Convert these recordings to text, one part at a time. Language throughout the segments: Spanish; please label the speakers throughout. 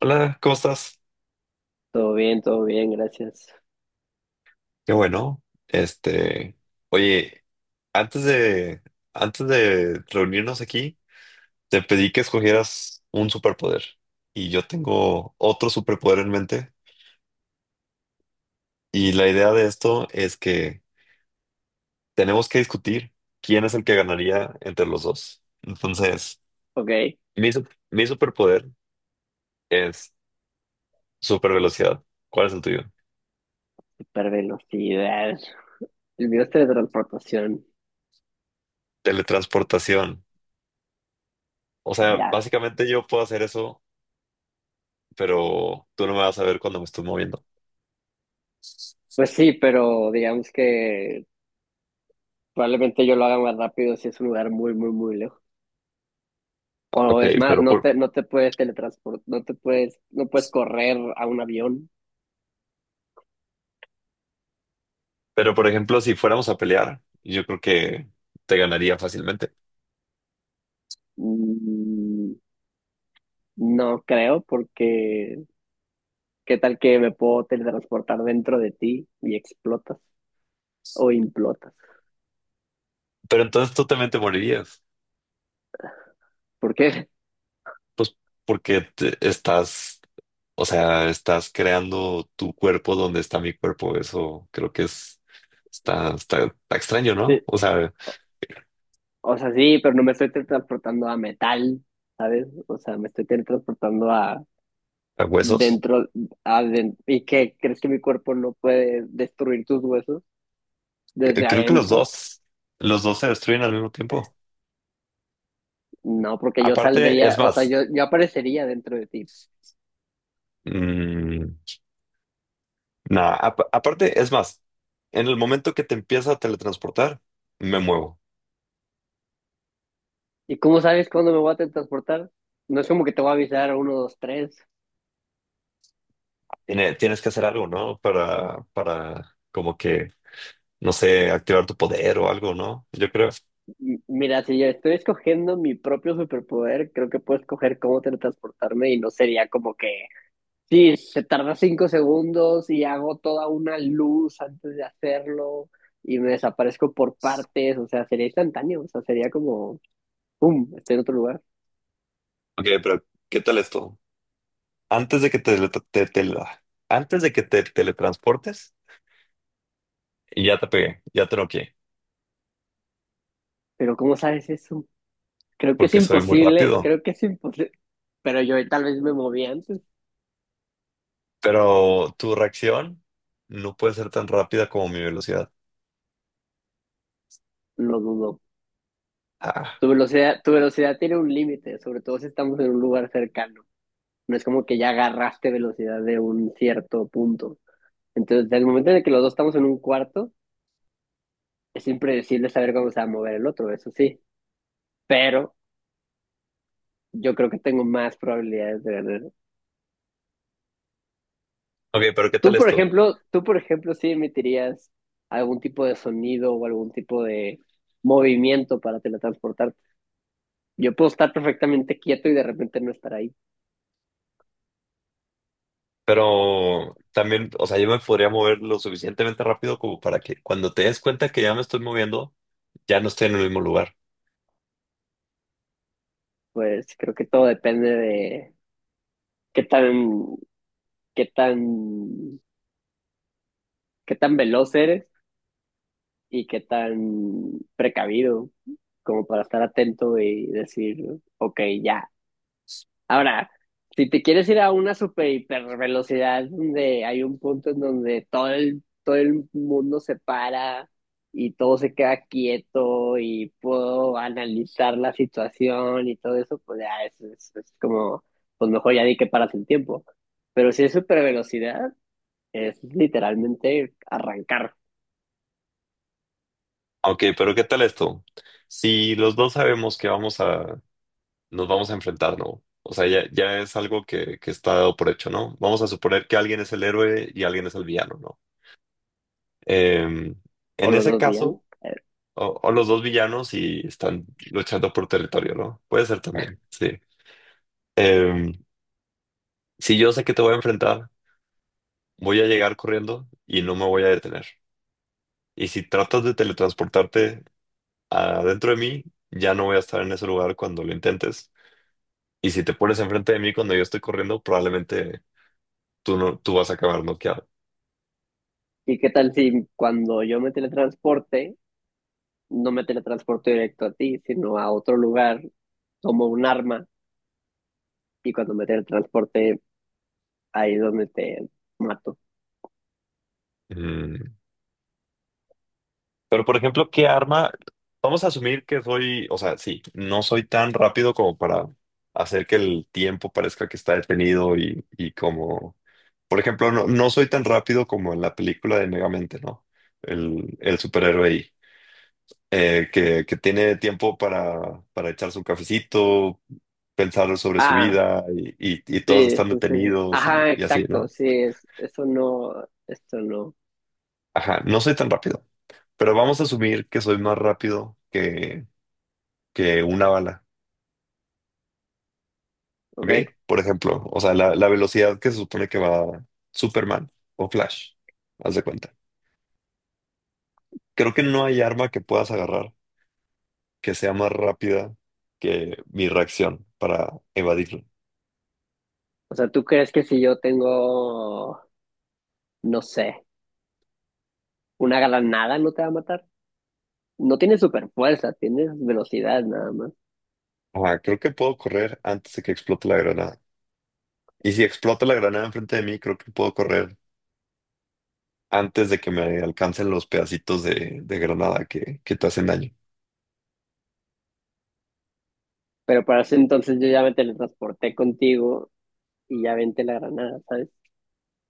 Speaker 1: Hola, ¿cómo estás?
Speaker 2: Todo bien, gracias.
Speaker 1: Qué bueno. Este, oye, antes de, antes de reunirnos aquí, te pedí que escogieras un superpoder y yo tengo otro superpoder en mente y la idea de esto es que tenemos que discutir quién es el que ganaría entre los dos. Entonces,
Speaker 2: Ok,
Speaker 1: mi superpoder es supervelocidad. ¿Cuál es el tuyo?
Speaker 2: super velocidad. El video es teletransportación.
Speaker 1: Teletransportación. O sea,
Speaker 2: Ya.
Speaker 1: básicamente yo puedo hacer eso, pero tú no me vas a ver cuando me estoy moviendo.
Speaker 2: Pues sí, pero digamos que probablemente yo lo haga más rápido si es un lugar muy, muy, muy lejos. O
Speaker 1: Ok,
Speaker 2: es más, no te, no te puedes teletransportar, no puedes correr a un avión.
Speaker 1: pero por ejemplo, si fuéramos a pelear, yo creo que te ganaría fácilmente.
Speaker 2: Mm, no creo, porque qué tal que me puedo teletransportar dentro de ti y explotas o implotas.
Speaker 1: Pero entonces tú también te morirías.
Speaker 2: ¿Por qué?
Speaker 1: Pues estás, o sea, estás creando tu cuerpo donde está mi cuerpo. Eso creo que es, está extraño, ¿no? O sea,
Speaker 2: O sea, sí, pero no me estoy teletransportando a metal, ¿sabes? O sea, me estoy teletransportando a
Speaker 1: a huesos.
Speaker 2: dentro, ¿y qué? ¿Crees que mi cuerpo no puede destruir tus huesos desde
Speaker 1: Creo que
Speaker 2: adentro?
Speaker 1: los dos se destruyen al mismo tiempo.
Speaker 2: No, porque yo
Speaker 1: Aparte, es
Speaker 2: saldría, o sea,
Speaker 1: más,
Speaker 2: yo aparecería dentro de ti.
Speaker 1: mm, aparte, es más, en el momento que te empieza a teletransportar, me muevo.
Speaker 2: ¿Y cómo sabes cuándo me voy a teletransportar? No es como que te voy a avisar uno, dos, tres.
Speaker 1: Tienes que hacer algo, ¿no? Para, como que, no sé, activar tu poder o algo, ¿no? Yo creo.
Speaker 2: Mira, si yo estoy escogiendo mi propio superpoder, creo que puedo escoger cómo teletransportarme, y no sería como que sí, se tarda 5 segundos y hago toda una luz antes de hacerlo y me desaparezco por partes. O sea, sería instantáneo, o sea, sería como, ¡pum!, estoy en otro lugar.
Speaker 1: Ok, pero ¿qué tal esto? Antes de que te, te- te- antes de que te teletransportes, ya te pegué, ya te noqué,
Speaker 2: Pero ¿cómo sabes eso? Creo que es
Speaker 1: porque soy muy
Speaker 2: imposible,
Speaker 1: rápido.
Speaker 2: creo que es imposible, pero yo tal vez me moví antes,
Speaker 1: Pero tu reacción no puede ser tan rápida como mi velocidad.
Speaker 2: lo dudo.
Speaker 1: Ah.
Speaker 2: Tu velocidad tiene un límite, sobre todo si estamos en un lugar cercano. No es como que ya agarraste velocidad de un cierto punto. Entonces, desde el momento en el que los dos estamos en un cuarto, es impredecible saber cómo se va a mover el otro, eso sí, pero yo creo que tengo más probabilidades de ganar.
Speaker 1: Ok, pero ¿qué tal esto?
Speaker 2: Tú, por ejemplo, sí emitirías algún tipo de sonido o algún tipo de movimiento para teletransportarte. Yo puedo estar perfectamente quieto y de repente no estar ahí.
Speaker 1: Pero también, o sea, yo me podría mover lo suficientemente rápido como para que cuando te des cuenta que ya me estoy moviendo, ya no estoy en el mismo lugar.
Speaker 2: Pues creo que todo depende de qué tan, qué tan, qué tan veloz eres y qué tan precavido como para estar atento y decir, ok, ya. Ahora, si te quieres ir a una super hiper velocidad donde hay un punto en donde todo el mundo se para y todo se queda quieto y puedo analizar la situación y todo eso, pues ya es como, pues mejor ya di que paras el tiempo. Pero si es super velocidad, es literalmente arrancar
Speaker 1: Ok, pero ¿qué tal esto? Si los dos sabemos que nos vamos a enfrentar, ¿no? O sea, ya, ya es algo que está dado por hecho, ¿no? Vamos a suponer que alguien es el héroe y alguien es el villano, ¿no? Eh,
Speaker 2: o
Speaker 1: en
Speaker 2: los
Speaker 1: ese
Speaker 2: dos días, ¿no?
Speaker 1: caso,
Speaker 2: Eh,
Speaker 1: o los dos villanos y están luchando por territorio, ¿no? Puede ser también, sí. Eh, si yo sé que te voy a enfrentar, voy a llegar corriendo y no me voy a detener. Y si tratas de teletransportarte adentro de mí, ya no voy a estar en ese lugar cuando lo intentes. Y si te pones enfrente de mí cuando yo estoy corriendo, probablemente tú no, tú vas a acabar noqueado.
Speaker 2: ¿Y qué tal si cuando yo me teletransporte no me teletransporto directo a ti, sino a otro lugar, tomo un arma, y cuando me teletransporte ahí es donde te mato?
Speaker 1: Mm. Pero, por ejemplo, ¿qué arma? Vamos a asumir que soy, o sea, sí, no soy tan rápido como para hacer que el tiempo parezca que está detenido y como, por ejemplo, no soy tan rápido como en la película de Megamente, ¿no? El superhéroe ahí, que tiene tiempo para echarse un cafecito, pensar sobre su
Speaker 2: Ah,
Speaker 1: vida y todos
Speaker 2: sí,
Speaker 1: están
Speaker 2: sí, sí.
Speaker 1: detenidos
Speaker 2: Ajá,
Speaker 1: y así,
Speaker 2: exacto,
Speaker 1: ¿no?
Speaker 2: sí, eso no, esto no,
Speaker 1: Ajá, no soy tan rápido, pero vamos a asumir que soy más rápido que una bala, ¿ok?
Speaker 2: ok.
Speaker 1: Por ejemplo, o sea, la velocidad que se supone que va Superman o Flash, haz de cuenta. Creo que no hay arma que puedas agarrar que sea más rápida que mi reacción para evadirlo.
Speaker 2: O sea, ¿tú crees que si yo tengo, no sé, una granada no te va a matar? No tienes super fuerza, tienes velocidad nada más.
Speaker 1: Ajá, creo que puedo correr antes de que explote la granada. Y si explota la granada enfrente de mí, creo que puedo correr antes de que me alcancen los pedacitos de granada que te hacen daño.
Speaker 2: Pero para ese entonces yo ya me teletransporté contigo y ya vente la granada, ¿sabes?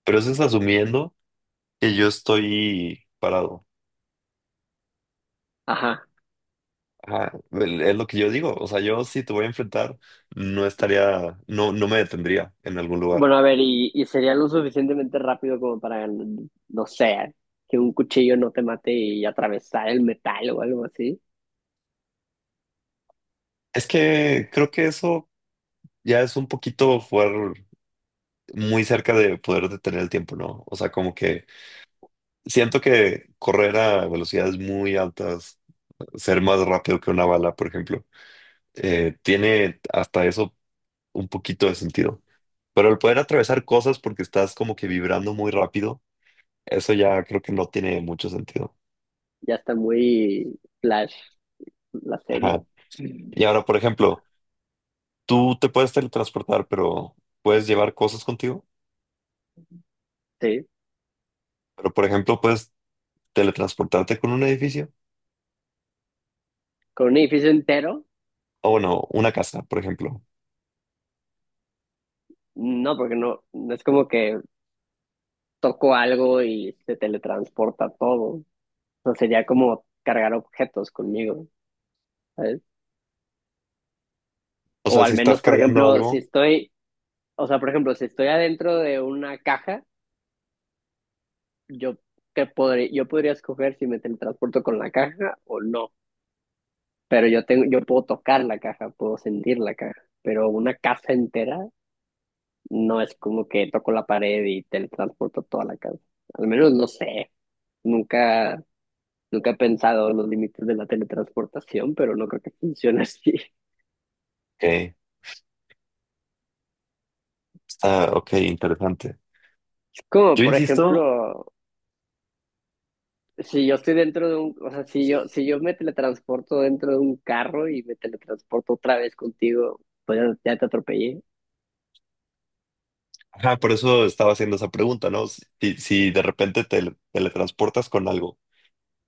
Speaker 1: Pero eso es asumiendo que yo estoy parado.
Speaker 2: Ajá.
Speaker 1: Ajá, es lo que yo digo. O sea, yo si te voy a enfrentar, no estaría, no, no me detendría en algún lugar.
Speaker 2: Bueno, a ver, y sería lo suficientemente rápido como para, no sé, que un cuchillo no te mate y atravesar el metal o algo así.
Speaker 1: Es que creo que eso ya es un poquito jugar muy cerca de poder detener el tiempo, ¿no? O sea, como que siento que correr a velocidades muy altas, ser más rápido que una bala, por ejemplo, tiene hasta eso un poquito de sentido. Pero el poder atravesar cosas porque estás como que vibrando muy rápido. Eso ya creo que no tiene mucho sentido.
Speaker 2: Ya está muy flash la serie,
Speaker 1: Ajá. Y ahora, por ejemplo, tú te puedes teletransportar, pero puedes llevar cosas contigo.
Speaker 2: sí.
Speaker 1: Pero, por ejemplo, puedes teletransportarte con un edificio.
Speaker 2: Con un edificio entero,
Speaker 1: O bueno, una casa, por ejemplo.
Speaker 2: no, porque no es como que toco algo y se teletransporta todo. O sea, sería como cargar objetos conmigo, ¿sabes?
Speaker 1: O
Speaker 2: O
Speaker 1: sea,
Speaker 2: al
Speaker 1: si estás
Speaker 2: menos, por
Speaker 1: cargando
Speaker 2: ejemplo, si
Speaker 1: algo,
Speaker 2: estoy, o sea, por ejemplo, si estoy adentro de una caja. Yo, yo podría escoger si me teletransporto con la caja o no, pero yo puedo tocar la caja, puedo sentir la caja, pero una casa entera no es como que toco la pared y teletransporto toda la casa. Al menos no sé, nunca, nunca he pensado en los límites de la teletransportación, pero no creo que funcione así.
Speaker 1: ok, ok, interesante.
Speaker 2: Es como,
Speaker 1: Yo
Speaker 2: por
Speaker 1: insisto,
Speaker 2: ejemplo, si yo estoy o sea, si yo me teletransporto dentro de un carro y me teletransporto otra vez contigo, pues ya te atropellé.
Speaker 1: ajá, por eso estaba haciendo esa pregunta, ¿no? Si de repente te teletransportas con algo,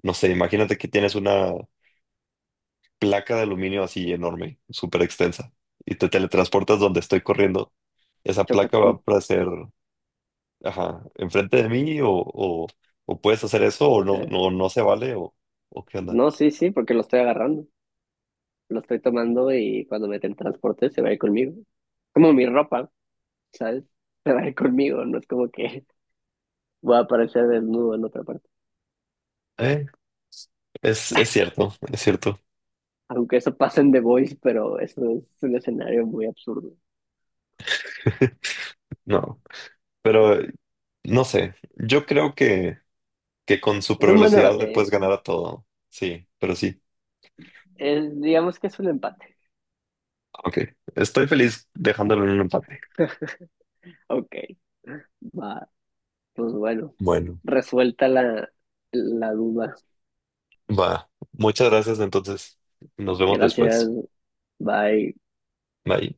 Speaker 1: no sé, imagínate que tienes una placa de aluminio así enorme, súper extensa, y te teletransportas donde estoy corriendo. Esa
Speaker 2: Chocas
Speaker 1: placa
Speaker 2: con...
Speaker 1: va a hacer, ajá, enfrente de mí o puedes hacer eso o
Speaker 2: eh,
Speaker 1: no se vale o qué onda.
Speaker 2: no, sí, sí, porque lo estoy agarrando, lo estoy tomando, y cuando mete el transporte se va a ir conmigo. Como mi ropa, ¿sabes? Se va a ir conmigo, no es como que voy a aparecer desnudo en otra parte.
Speaker 1: Eh, es cierto, es cierto.
Speaker 2: Aunque eso pasa en The Voice, pero eso es un escenario muy absurdo.
Speaker 1: No, pero no sé. Yo creo que con
Speaker 2: Es
Speaker 1: super
Speaker 2: un buen
Speaker 1: velocidad le puedes
Speaker 2: debate,
Speaker 1: ganar a todo. Sí, pero sí.
Speaker 2: es- digamos que es un empate.
Speaker 1: Ok, estoy feliz dejándolo en un empate.
Speaker 2: Ok, va, pues bueno,
Speaker 1: Bueno,
Speaker 2: resuelta la, la duda.
Speaker 1: va. Muchas gracias entonces. Nos vemos
Speaker 2: Gracias,
Speaker 1: después.
Speaker 2: bye.
Speaker 1: Bye.